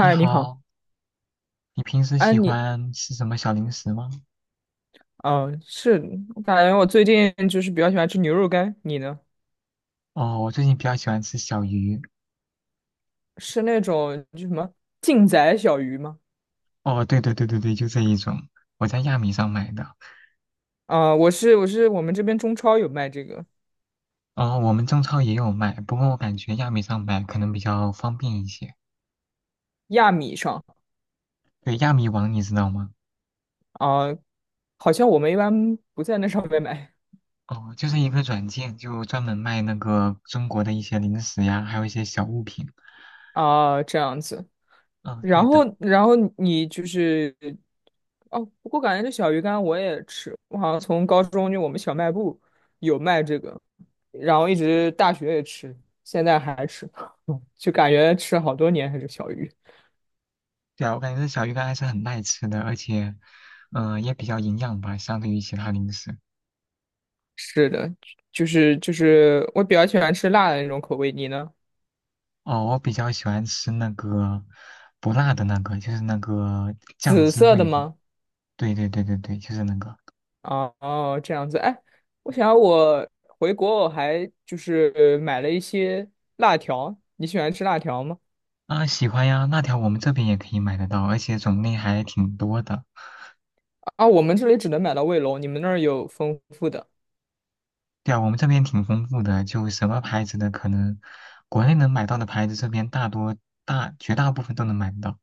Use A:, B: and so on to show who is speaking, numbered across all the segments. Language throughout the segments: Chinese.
A: 你
B: 你好，
A: 好，你平时
B: 哎，
A: 喜欢吃什么小零食吗？
B: 嗯，是，我感觉我最近就是比较喜欢吃牛肉干，你呢？
A: 哦，我最近比较喜欢吃小鱼。
B: 是那种就什么劲仔小鱼吗？
A: 哦，对对对对对，就这一种，我在亚米上买的。
B: 啊、我们这边中超有卖这个
A: 哦，我们中超也有卖，不过我感觉亚米上买可能比较方便一些。
B: 亚米上
A: 对，亚米网你知道吗？
B: 啊、好像我们一般不在那上面买
A: 哦，就是一个软件，就专门卖那个中国的一些零食呀，还有一些小物品。
B: 啊、这样子。
A: 嗯，
B: 然
A: 对
B: 后
A: 的。
B: 然后你就是哦，不过感觉这小鱼干我也吃，我好像从高中就我们小卖部有卖这个，然后一直大学也吃，现在还吃，就感觉吃了好多年还是小鱼。
A: 对啊，我感觉这小鱼干还是很耐吃的，而且，嗯、也比较营养吧，相对于其他零食。
B: 是的，就是我比较喜欢吃辣的那种口味，你呢？
A: 哦，我比较喜欢吃那个不辣的那个，就是那个酱
B: 紫
A: 汁
B: 色的
A: 味的。
B: 吗？
A: 对对对对对，就是那个。
B: 哦哦，这样子。哎，我想我回国我还就是买了一些辣条，你喜欢吃辣条吗？
A: 啊，喜欢呀，辣条我们这边也可以买得到，而且种类还挺多的。
B: 啊，我们这里只能买到卫龙，你们那儿有丰富的。
A: 对啊，我们这边挺丰富的，就什么牌子的可能国内能买到的牌子，这边大多绝大部分都能买得到。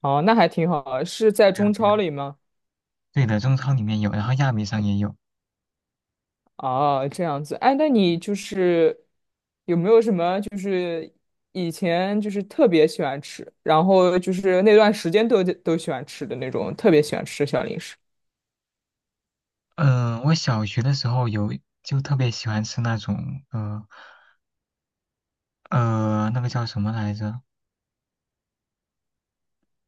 B: 哦，那还挺好啊，是在
A: 对啊
B: 中
A: 对
B: 超
A: 啊，
B: 里吗？
A: 对的，中超里面有，然后亚米上也有。
B: 哦，这样子。哎，那你就是有没有什么就是以前就是特别喜欢吃，然后就是那段时间都喜欢吃的那种特别喜欢吃的小零食
A: 嗯、我小学的时候有，就特别喜欢吃那种呃那个叫什么来着？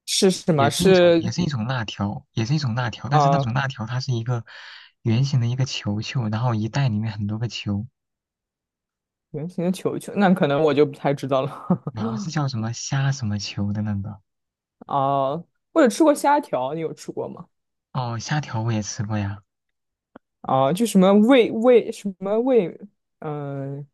B: 是什么？
A: 也是一种，也
B: 是
A: 是一种辣条，也是一种辣条，但是那
B: 啊，
A: 种辣条它是一个圆形的一个球球，然后一袋里面很多个球，
B: 圆形的球球，那可能我就不太知道了。
A: 然后是叫什么虾什么球的那个。
B: 哦，我有吃过虾条，你有吃过吗？
A: 哦，虾条我也吃过呀。
B: 啊，就什么魏魏什么魏，嗯、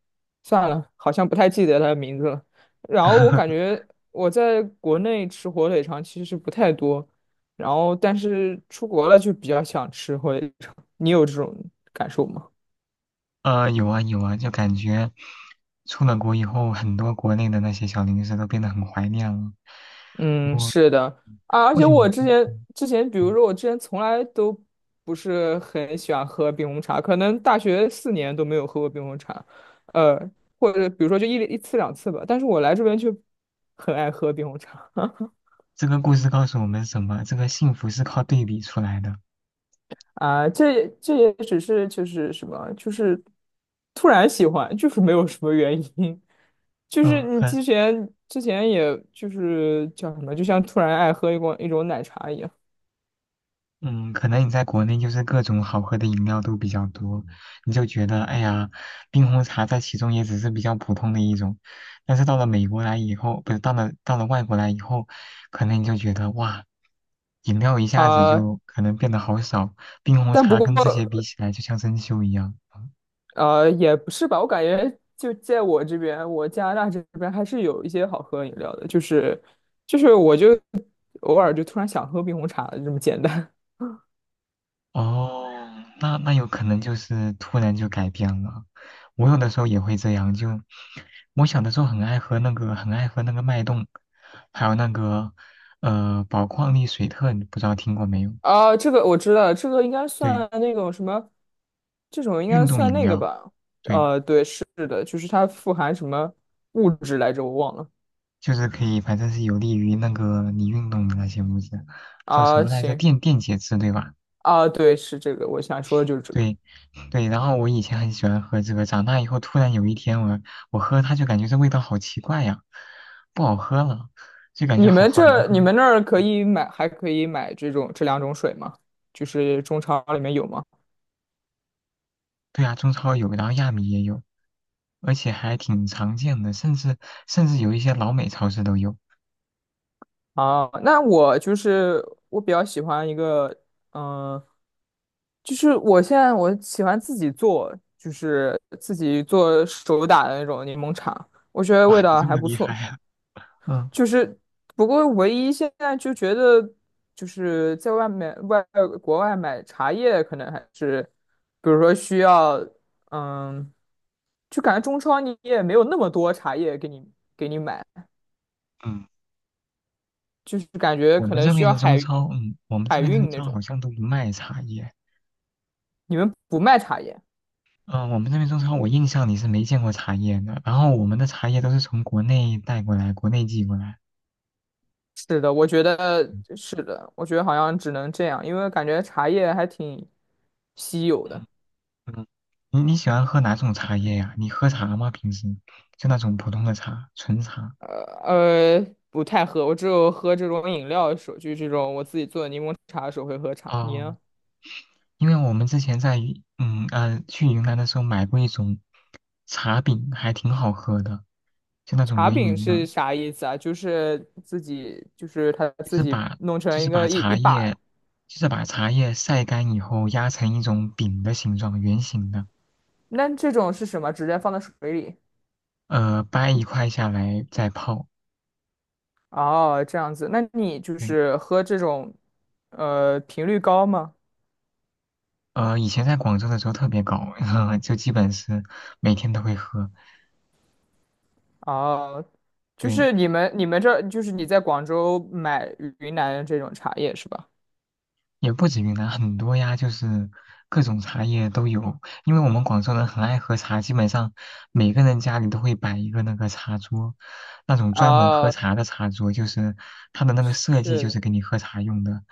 B: 算了，好像不太记得它的名字了。然后我感 觉我在国内吃火腿肠其实不太多，然后但是出国了就比较想吃火腿肠。你有这种感受吗？
A: 有啊有啊，就感觉出了国以后，很多国内的那些小零食都变得很怀念了。不
B: 嗯，
A: 过，
B: 是的啊，而
A: 或
B: 且
A: 许
B: 我
A: 你
B: 之
A: 可以
B: 前之前，比如
A: 嗯，
B: 说我之前从来都不是很喜欢喝冰红茶，可能大学四年都没有喝过冰红茶，呃，或者比如说就一次两次吧。但是我来这边就很爱喝冰红茶
A: 这个故事告诉我们什么？这个幸福是靠对比出来的。
B: 啊，这也只是就是什么，就是突然喜欢，就是没有什么原因，就是
A: 嗯，
B: 你
A: 很
B: 之前也就是叫什么，就像突然爱喝一种奶茶一样。
A: 嗯，可能你在国内就是各种好喝的饮料都比较多，你就觉得哎呀，冰红茶在其中也只是比较普通的一种，但是到了美国来以后，不是到了外国来以后，可能你就觉得哇，饮料一下子
B: 啊、
A: 就可能变得好少，冰红
B: 但不
A: 茶
B: 过
A: 跟这些比起来就像珍馐一样。
B: 也不是吧，我感觉就在我这边，我加拿大这边还是有一些好喝的饮料的，就是我就偶尔就突然想喝冰红茶了，这么简单。
A: 哦，那有可能就是突然就改变了。我有的时候也会这样，就我小的时候很爱喝那个，很爱喝那个脉动，还有那个宝矿力水特，你不知道听过没有？
B: 啊，这个我知道，这个应该
A: 对，
B: 算那种什么，这种应
A: 运
B: 该
A: 动
B: 算
A: 饮
B: 那个
A: 料，
B: 吧？
A: 对，
B: 对，是的，就是它富含什么物质来着，我忘了。
A: 就是可以，反正是有利于那个你运动的那些物质，叫什
B: 啊，
A: 么来着？
B: 行，
A: 电解质，对吧？
B: 啊，对，是这个，我想说的就是这个。
A: 对，对，然后我以前很喜欢喝这个，长大以后突然有一天我喝它就感觉这味道好奇怪呀，不好喝了，就感觉好好难
B: 你
A: 喝。
B: 们那儿可以买，还可以买这种这两种水吗？就是中超里面有吗？
A: 对啊，中超有，然后亚米也有，而且还挺常见的，甚至有一些老美超市都有。
B: 啊，那我就是我比较喜欢一个，嗯、就是我现在喜欢自己做，就是自己做手打的那种柠檬茶，我觉得
A: 哇，
B: 味
A: 你
B: 道
A: 这
B: 还
A: 么
B: 不
A: 厉害
B: 错。
A: 啊 嗯
B: 就是不过唯一现在就觉得，就是在外面外国外买茶叶，可能还是，比如说需要，嗯，就感觉中超你也没有那么多茶叶给你买，
A: 嗯，
B: 就是感觉
A: 我
B: 可
A: 们
B: 能
A: 这
B: 需
A: 边
B: 要
A: 的中
B: 海
A: 超，嗯，我们这
B: 海
A: 边的中
B: 运那
A: 超好
B: 种。
A: 像都不卖茶叶。
B: 你们不卖茶叶？
A: 嗯，我们这边中超我印象里是没见过茶叶的，然后我们的茶叶都是从国内带过来，国内寄过来。
B: 是的，我觉得
A: 嗯
B: 是的，我觉得好像只能这样，因为感觉茶叶还挺稀有的。
A: 嗯，你喜欢喝哪种茶叶呀？你喝茶吗？平时就那种普通的茶，纯茶。
B: 呃不太喝，我只有喝这种饮料的时候，就是这种我自己做的柠檬茶的时候会喝茶。你
A: 哦，
B: 呢？
A: 因为我们之前在去云南的时候买过一种茶饼，还挺好喝的，就那种
B: 茶
A: 圆
B: 饼
A: 圆的，
B: 是啥意思啊？就是自己，就是他
A: 就
B: 自
A: 是
B: 己
A: 把
B: 弄成
A: 就
B: 一
A: 是把
B: 个一一
A: 茶叶
B: 把，
A: 就是把茶叶晒干以后压成一种饼的形状，圆形的，
B: 那这种是什么？直接放在水里？
A: 掰一块下来再泡。
B: 哦，这样子，那你就
A: 对，
B: 是喝这种，频率高吗？
A: 以前在广州的时候特别搞，就基本是每天都会喝。
B: 哦，就
A: 对，
B: 是你们这就是你在广州买云南的这种茶叶是吧？
A: 也不止云南，很多呀，就是各种茶叶都有。因为我们广州人很爱喝茶，基本上每个人家里都会摆一个那个茶桌，那种专门喝
B: 啊，
A: 茶的茶桌，就是它的那个设计
B: 是
A: 就是
B: 的，
A: 给你喝茶用的，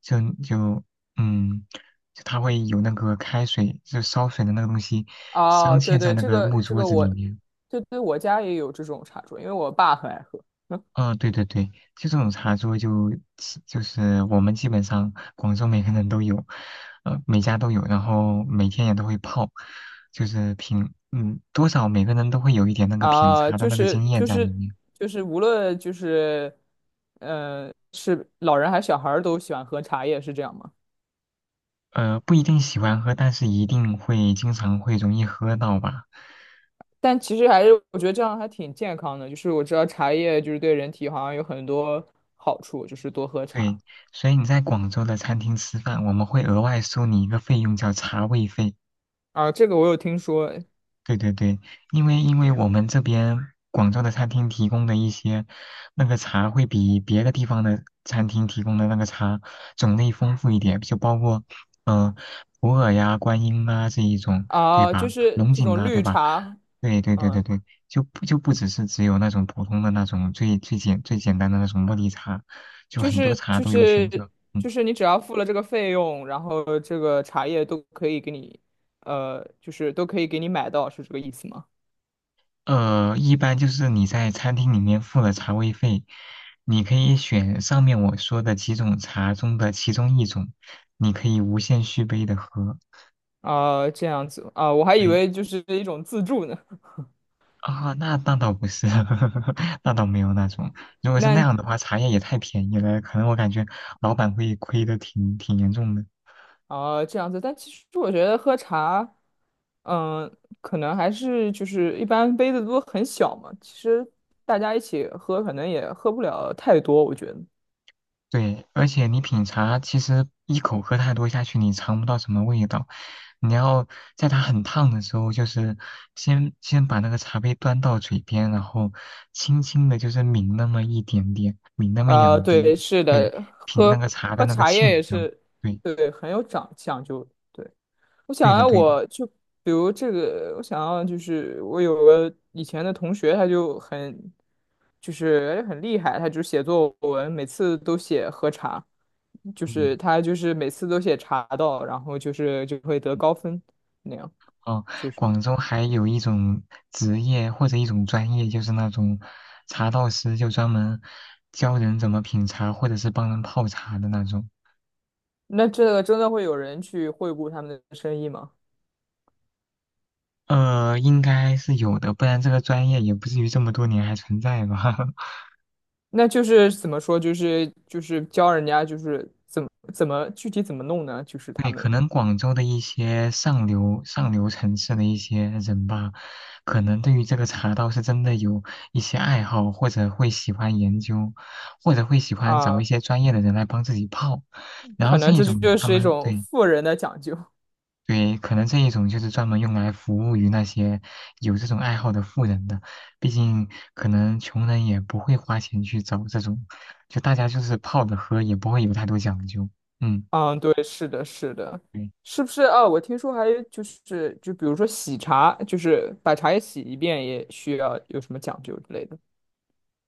A: 就就嗯，就它会有那个开水，就烧水的那个东西
B: 啊，
A: 镶嵌
B: 对
A: 在
B: 对，
A: 那
B: 这
A: 个
B: 个
A: 木
B: 这
A: 桌
B: 个
A: 子里
B: 我，
A: 面。
B: 对对，我家也有这种茶桌，因为我爸很爱喝。
A: 啊、对对对，就这种茶桌就是我们基本上广州每个人都有，呃，每家都有，然后每天也都会泡，就是品，嗯，多少每个人都会有一点那个品
B: 啊，
A: 茶的
B: 就
A: 那个
B: 是
A: 经验
B: 就
A: 在里
B: 是
A: 面，
B: 就是无论就是，是老人还是小孩儿都喜欢喝茶叶，是这样吗？
A: 不一定喜欢喝，但是一定会经常会容易喝到吧。
B: 但其实还是我觉得这样还挺健康的，就是我知道茶叶就是对人体好像有很多好处，就是多喝
A: 对，
B: 茶
A: 所以你在广州的餐厅吃饭，我们会额外收你一个费用，叫茶位费。
B: 啊，这个我有听说。
A: 对对对，因为我们这边广州的餐厅提供的一些那个茶，会比别的地方的餐厅提供的那个茶种类丰富一点，就包括嗯、普洱呀、观音啊这一种，对
B: 啊，
A: 吧？
B: 就是
A: 龙
B: 这
A: 井
B: 种
A: 啊，对
B: 绿
A: 吧？
B: 茶，
A: 对对对
B: 嗯，
A: 对对，就不就不只是只有那种普通的那种最简单的那种茉莉茶，就
B: 就
A: 很多
B: 是
A: 茶
B: 就
A: 都有选
B: 是
A: 择。嗯
B: 就是你只要付了这个费用，然后这个茶叶都可以给你，就是都可以给你买到，是这个意思吗？
A: 一般就是你在餐厅里面付了茶位费，你可以选上面我说的几种茶中的其中一种，你可以无限续杯的喝。
B: 啊，这样子啊，我还以
A: 对
B: 为就是一种自助呢。
A: 啊，那倒不是，那倒没有那种。如果是那
B: 那
A: 样的话，茶叶也太便宜了，可能我感觉老板会亏的挺严重的。
B: 啊，这样子，但其实我觉得喝茶，嗯，可能还是就是一般杯子都很小嘛，其实大家一起喝可能也喝不了太多，我觉得。
A: 对，而且你品茶，其实一口喝太多下去，你尝不到什么味道。你要在它很烫的时候，就是先把那个茶杯端到嘴边，然后轻轻的，就是抿那么一点点，抿那么一
B: 啊，
A: 两滴，
B: 对，是
A: 对，
B: 的，
A: 品那
B: 喝
A: 个茶的
B: 喝
A: 那个
B: 茶叶
A: 沁
B: 也
A: 香。
B: 是，
A: 对，
B: 对，很有讲究。对，我想
A: 对的，
B: 要，
A: 对的，
B: 我就比如这个，我想要就是我有个以前的同学，他就很就是很厉害，他就写作文，每次都写喝茶，就是
A: 嗯，
B: 他就是每次都写茶道，然后就是就会得高分那样，
A: 哦，
B: 就是
A: 广州还有一种职业或者一种专业，就是那种茶道师，就专门教人怎么品茶，或者是帮人泡茶的那种。
B: 那这个真的会有人去惠顾他们的生意吗？
A: 应该是有的，不然这个专业也不至于这么多年还存在吧？
B: 那就是怎么说，就是教人家就是怎么具体怎么弄呢？就是他
A: 对，可
B: 们
A: 能广州的一些上流城市的一些人吧，可能对于这个茶道是真的有一些爱好，或者会喜欢研究，或者会喜欢找一
B: 啊，
A: 些专业的人来帮自己泡。然
B: 可
A: 后这
B: 能
A: 一
B: 这
A: 种人，
B: 就
A: 他
B: 是一
A: 们
B: 种
A: 对
B: 富人的讲究。
A: 对，可能这一种就是专门用来服务于那些有这种爱好的富人的，毕竟可能穷人也不会花钱去找这种，就大家就是泡着喝，也不会有太多讲究。嗯，
B: 嗯，对，是的，是的，
A: 对，
B: 是不是啊？我听说还有就是就比如说洗茶，就是把茶叶洗一遍也需要有什么讲究之类的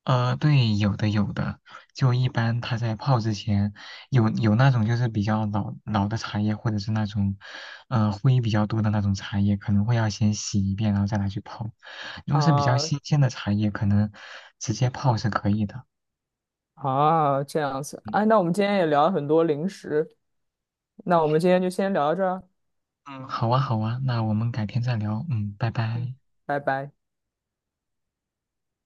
A: 对，有的有的，就一般他在泡之前，有那种就是比较老的茶叶，或者是那种，灰比较多的那种茶叶，可能会要先洗一遍，然后再拿去泡。如果是比较
B: 啊
A: 新鲜的茶叶，可能直接泡是可以的。
B: 啊，这样子。
A: 嗯
B: 哎，那我们今天也聊了很多零食，那我们今天就先聊到这儿啊，
A: 嗯，好啊，好啊，那我们改天再聊。嗯，拜
B: 嗯，
A: 拜。
B: 拜拜。